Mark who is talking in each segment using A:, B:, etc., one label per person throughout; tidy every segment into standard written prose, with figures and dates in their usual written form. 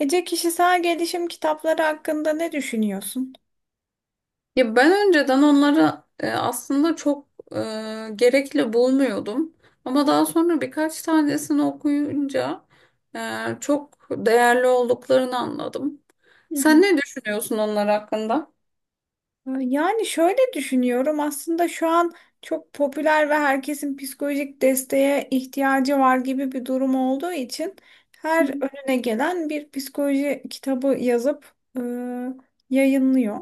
A: Ece, kişisel gelişim kitapları hakkında ne düşünüyorsun?
B: Ya ben önceden onları aslında çok e, gerekli bulmuyordum. Ama daha sonra birkaç tanesini okuyunca e, çok değerli olduklarını anladım.
A: Hı
B: Sen
A: hı.
B: ne düşünüyorsun onlar hakkında?
A: Yani şöyle düşünüyorum. Aslında şu an çok popüler ve herkesin psikolojik desteğe ihtiyacı var gibi bir durum olduğu için
B: Hı
A: her önüne gelen bir psikoloji kitabı yazıp yayınlıyor.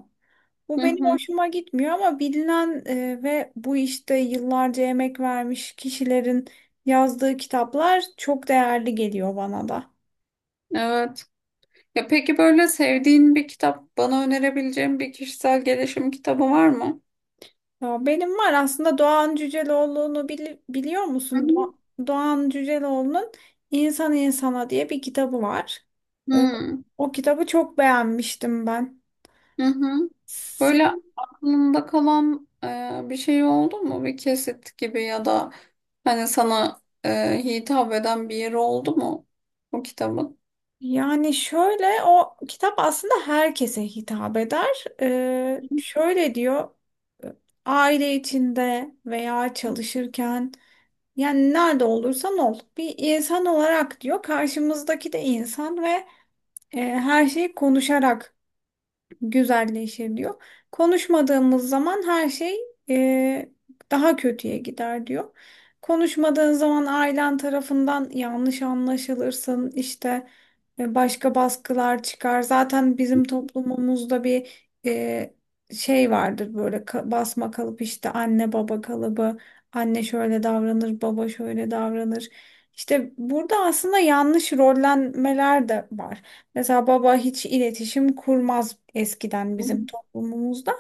B: hı,
A: Bu
B: hı
A: benim
B: hı.
A: hoşuma gitmiyor, ama bilinen ve bu işte yıllarca emek vermiş kişilerin yazdığı kitaplar çok değerli geliyor bana da.
B: Evet. Ya peki böyle sevdiğin bir kitap, bana önerebileceğin bir kişisel gelişim kitabı var mı?
A: Ya benim var aslında. Doğan Cüceloğlu'nu biliyor
B: Hı
A: musun? Doğan Cüceloğlu'nun İnsan İnsana diye bir kitabı var. Ee,
B: hı.
A: O kitabı çok beğenmiştim ben.
B: Hı hı. Böyle
A: Sen-
B: aklında kalan bir şey oldu mu? Bir kesit gibi ya da hani sana hitap eden bir yeri oldu mu bu kitabın?
A: Yani şöyle, o kitap aslında herkese hitap eder. Şöyle diyor: aile içinde veya çalışırken, yani nerede olursan ol bir insan olarak diyor, karşımızdaki de insan ve her şey konuşarak güzelleşir diyor. Konuşmadığımız zaman her şey e, daha kötüye gider diyor. Konuşmadığın zaman ailen tarafından yanlış anlaşılırsın, işte başka baskılar çıkar. Zaten bizim toplumumuzda bir şey vardır, böyle basma kalıp, işte anne baba kalıbı. Anne şöyle davranır, baba şöyle davranır. İşte burada aslında yanlış rollenmeler de var. Mesela baba hiç iletişim kurmaz eskiden
B: Hı hı.
A: bizim toplumumuzda.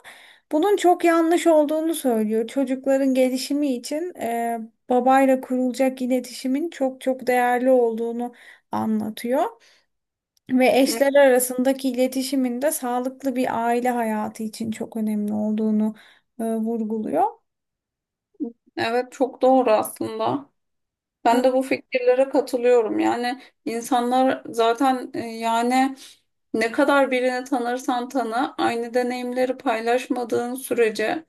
A: Bunun çok yanlış olduğunu söylüyor. Çocukların gelişimi için babayla kurulacak iletişimin çok çok değerli olduğunu anlatıyor. Ve eşler arasındaki iletişimin de sağlıklı bir aile hayatı için çok önemli olduğunu vurguluyor.
B: Evet, çok doğru aslında.
A: E,
B: Ben de bu fikirlere katılıyorum. Yani insanlar zaten yani ne kadar birini tanırsan tanı, aynı deneyimleri paylaşmadığın sürece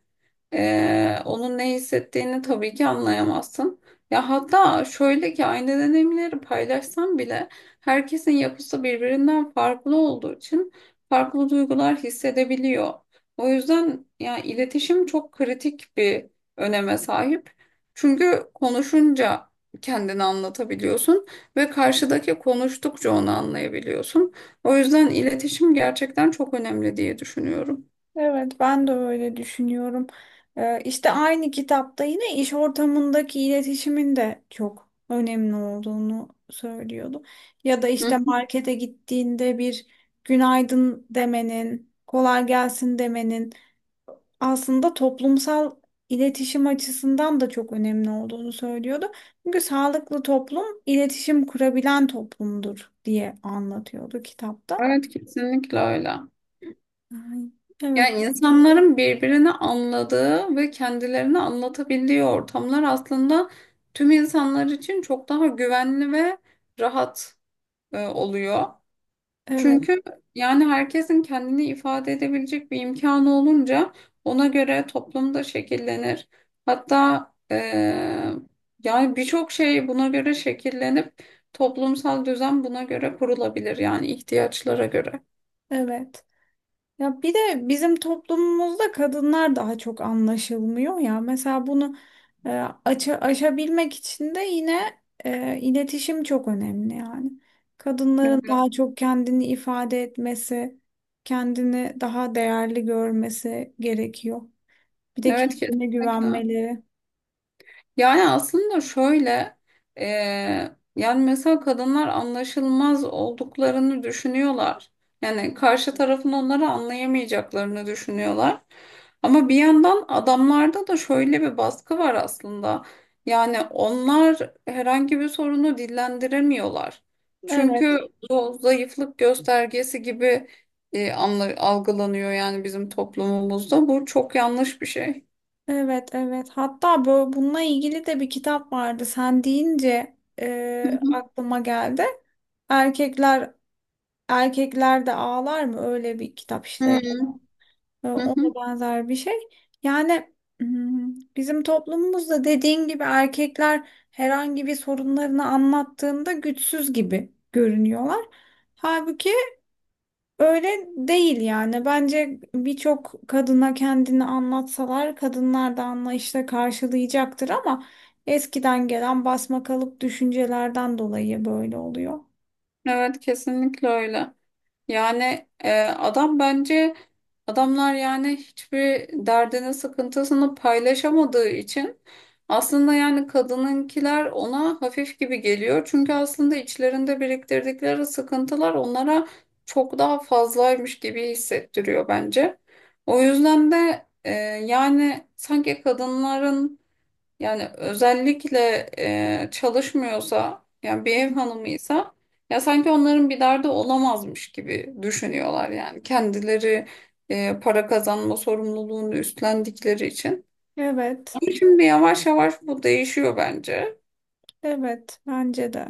B: onun ne hissettiğini tabii ki anlayamazsın. Ya hatta şöyle ki aynı deneyimleri paylaşsam bile herkesin yapısı birbirinden farklı olduğu için farklı duygular hissedebiliyor. O yüzden ya iletişim çok kritik bir öneme sahip. Çünkü konuşunca kendini anlatabiliyorsun ve karşıdaki konuştukça onu anlayabiliyorsun. O yüzden iletişim gerçekten çok önemli diye düşünüyorum.
A: Evet, ben de öyle düşünüyorum. İşte aynı kitapta yine iş ortamındaki iletişimin de çok önemli olduğunu söylüyordu. Ya da
B: Hı.
A: işte markete gittiğinde bir günaydın demenin, kolay gelsin demenin aslında toplumsal iletişim açısından da çok önemli olduğunu söylüyordu. Çünkü sağlıklı toplum iletişim kurabilen toplumdur diye anlatıyordu kitapta.
B: Evet, kesinlikle öyle.
A: Ay, evet,
B: Yani insanların birbirini anladığı ve kendilerini anlatabildiği ortamlar aslında tüm insanlar için çok daha güvenli ve rahat oluyor.
A: evet,
B: Çünkü yani herkesin kendini ifade edebilecek bir imkanı olunca ona göre toplumda şekillenir. Hatta e, yani birçok şey buna göre şekillenip toplumsal düzen buna göre kurulabilir yani ihtiyaçlara göre.
A: evet. Ya bir de bizim toplumumuzda kadınlar daha çok anlaşılmıyor ya. Mesela bunu e, aşabilmek için de yine iletişim çok önemli yani. Kadınların daha çok kendini ifade etmesi, kendini daha değerli görmesi gerekiyor. Bir de
B: Evet,
A: kendine
B: kesinlikle.
A: güvenmeleri.
B: Yani aslında şöyle, e, yani mesela kadınlar anlaşılmaz olduklarını düşünüyorlar. Yani karşı tarafın onları anlayamayacaklarını düşünüyorlar. Ama bir yandan adamlarda da şöyle bir baskı var aslında. Yani onlar herhangi bir sorunu dillendiremiyorlar. Çünkü
A: Evet,
B: bu zayıflık göstergesi gibi algılanıyor yani bizim toplumumuzda. Bu çok yanlış bir şey.
A: evet, evet. Hatta bu, bununla ilgili de bir kitap vardı. Sen deyince
B: Hı hı.
A: aklıma geldi. Erkekler Erkekler de Ağlar mı? Öyle bir kitap
B: Hı
A: işte.
B: hı. Hı hı.
A: Ona benzer bir şey. Yani bizim toplumumuzda dediğin gibi erkekler herhangi bir sorunlarını anlattığında güçsüz gibi görünüyorlar. Halbuki öyle değil yani. Bence birçok kadına kendini anlatsalar kadınlar da anlayışla karşılayacaktır, ama eskiden gelen basma kalıp düşüncelerden dolayı böyle oluyor.
B: Evet, kesinlikle öyle. Yani adam bence adamlar yani hiçbir derdini sıkıntısını paylaşamadığı için aslında yani kadınınkiler ona hafif gibi geliyor. Çünkü aslında içlerinde biriktirdikleri sıkıntılar onlara çok daha fazlaymış gibi hissettiriyor bence. O yüzden de yani sanki kadınların yani özellikle çalışmıyorsa yani bir ev hanımıysa ya sanki onların bir derdi olamazmış gibi düşünüyorlar yani kendileri para kazanma sorumluluğunu üstlendikleri için.
A: Evet,
B: Ama şimdi yavaş yavaş bu değişiyor bence.
A: evet bence de.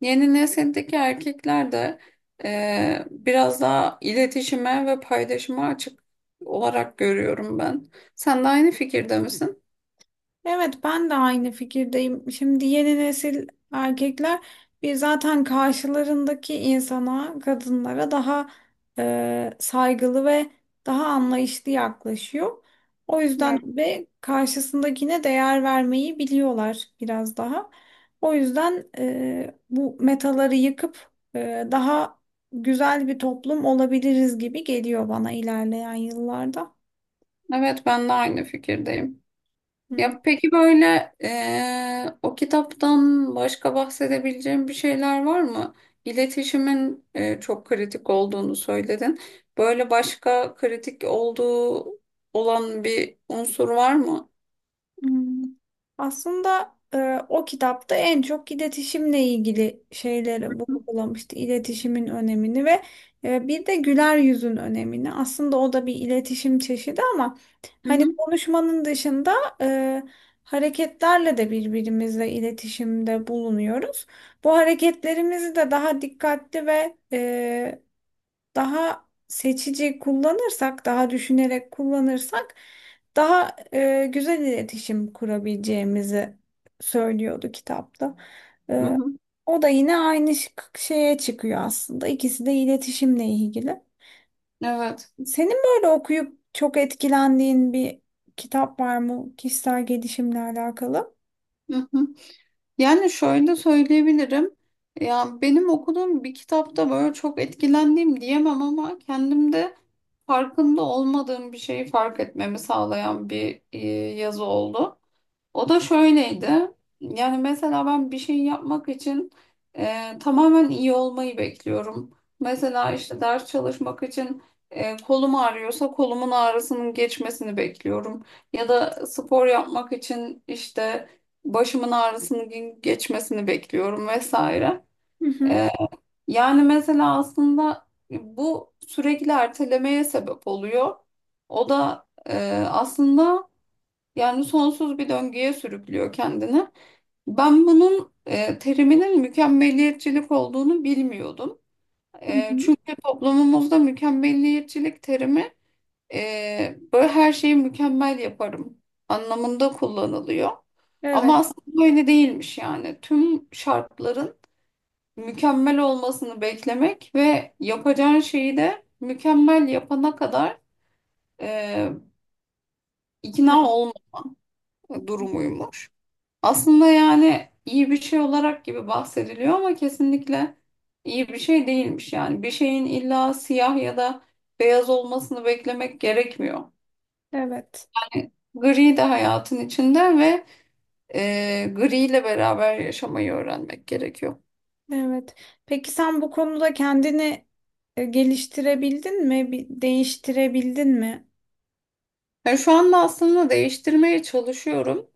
B: Yeni nesildeki erkekler de biraz daha iletişime ve paylaşıma açık olarak görüyorum ben. Sen de aynı fikirde misin?
A: Evet, ben de aynı fikirdeyim. Şimdi yeni nesil erkekler bir zaten karşılarındaki insana, kadınlara daha saygılı ve daha anlayışlı yaklaşıyor. O
B: Evet,
A: yüzden ve karşısındakine değer vermeyi biliyorlar biraz daha. O yüzden bu metaları yıkıp daha güzel bir toplum olabiliriz gibi geliyor bana ilerleyen yıllarda.
B: evet, ben de aynı fikirdeyim. Ya peki böyle o kitaptan başka bahsedebileceğim bir şeyler var mı? İletişimin çok kritik olduğunu söyledin. Böyle başka kritik olan bir unsur var mı?
A: Hmm. Aslında o kitapta en çok iletişimle ilgili şeyleri vurgulamıştı. İletişimin önemini ve bir de güler yüzün önemini. Aslında o da bir iletişim çeşidi ama
B: Hı
A: hani
B: hı,
A: konuşmanın dışında e, hareketlerle de birbirimizle iletişimde bulunuyoruz. Bu hareketlerimizi de daha dikkatli ve daha seçici kullanırsak, daha düşünerek kullanırsak daha güzel iletişim kurabileceğimizi söylüyordu kitapta.
B: hı
A: E,
B: hı.
A: O da yine aynı şeye çıkıyor aslında. İkisi de iletişimle ilgili.
B: Evet.
A: Senin böyle okuyup çok etkilendiğin bir kitap var mı kişisel gelişimle alakalı?
B: Hı hı. Yani şöyle söyleyebilirim. Ya benim okuduğum bir kitapta böyle çok etkilendiğim diyemem ama kendimde farkında olmadığım bir şeyi fark etmemi sağlayan bir yazı oldu. O da şöyleydi. Yani mesela ben bir şey yapmak için tamamen iyi olmayı bekliyorum. Mesela işte ders çalışmak için kolum ağrıyorsa kolumun ağrısının geçmesini bekliyorum. Ya da spor yapmak için işte başımın ağrısının geçmesini bekliyorum vesaire.
A: Hı hı,
B: E, Yani mesela aslında bu sürekli ertelemeye sebep oluyor. O da aslında yani sonsuz bir döngüye sürüklüyor kendini. Ben bunun teriminin mükemmeliyetçilik olduğunu bilmiyordum.
A: hı hı.
B: Çünkü toplumumuzda mükemmeliyetçilik terimi böyle her şeyi mükemmel yaparım anlamında kullanılıyor.
A: Evet,
B: Ama aslında öyle değilmiş yani. Tüm şartların mükemmel olmasını beklemek ve yapacağın şeyi de mükemmel yapana kadar e, ikna olma durumuymuş. Aslında yani iyi bir şey olarak gibi bahsediliyor ama kesinlikle iyi bir şey değilmiş yani. Bir şeyin illa siyah ya da beyaz olmasını beklemek gerekmiyor.
A: evet,
B: Yani gri de hayatın içinde ve gri ile beraber yaşamayı öğrenmek gerekiyor.
A: evet. Peki sen bu konuda kendini geliştirebildin mi? Bir değiştirebildin mi?
B: Yani şu anda aslında değiştirmeye çalışıyorum.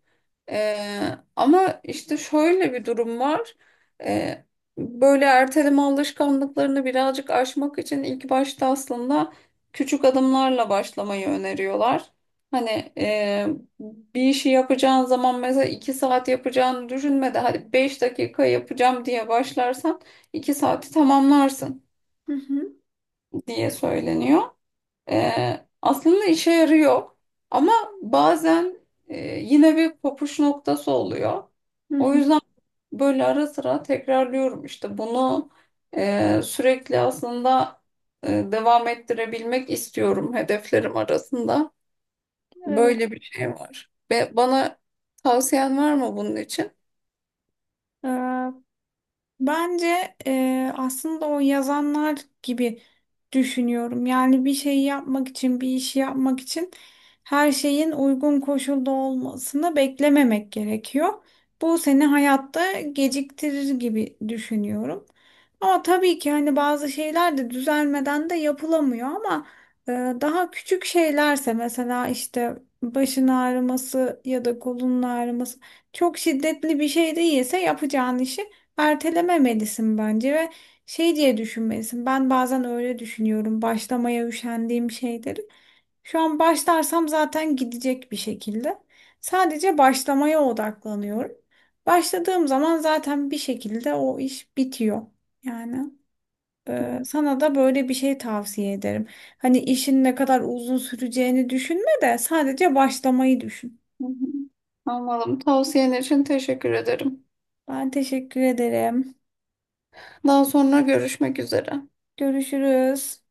B: Ama işte şöyle bir durum var. Ee, Böyle erteleme alışkanlıklarını birazcık aşmak için ilk başta aslında küçük adımlarla başlamayı öneriyorlar. Hani e, bir işi yapacağın zaman mesela 2 saat yapacağını düşünme de hadi 5 dakika yapacağım diye başlarsan 2 saati tamamlarsın
A: Hı hı,
B: diye söyleniyor. Aslında işe yarıyor ama bazen yine bir kopuş noktası oluyor.
A: hı
B: O
A: hı.
B: yüzden böyle ara sıra tekrarlıyorum işte bunu sürekli aslında devam ettirebilmek istiyorum hedeflerim arasında.
A: Evet.
B: Böyle bir şey var. Ve bana tavsiyen var mı bunun için?
A: Ee, Bence aslında o yazanlar gibi düşünüyorum. Yani bir şeyi yapmak için, bir işi yapmak için her şeyin uygun koşulda olmasını beklememek gerekiyor. Bu seni hayatta geciktirir gibi düşünüyorum. Ama tabii ki hani bazı şeyler de düzelmeden de yapılamıyor ama e, daha küçük şeylerse, mesela işte başın ağrıması ya da kolunun ağrıması çok şiddetli bir şey değilse yapacağın işi ertelememelisin bence ve şey diye düşünmelisin. Ben bazen öyle düşünüyorum başlamaya üşendiğim şeyleri: şu an başlarsam zaten gidecek bir şekilde. Sadece başlamaya odaklanıyorum. Başladığım zaman zaten bir şekilde o iş bitiyor. Yani
B: Hı
A: sana da böyle bir şey tavsiye ederim. Hani işin ne kadar uzun süreceğini düşünme de sadece başlamayı düşün.
B: hı. Anladım. Tavsiyen için teşekkür ederim.
A: Ben teşekkür ederim.
B: Daha sonra görüşmek üzere.
A: Görüşürüz.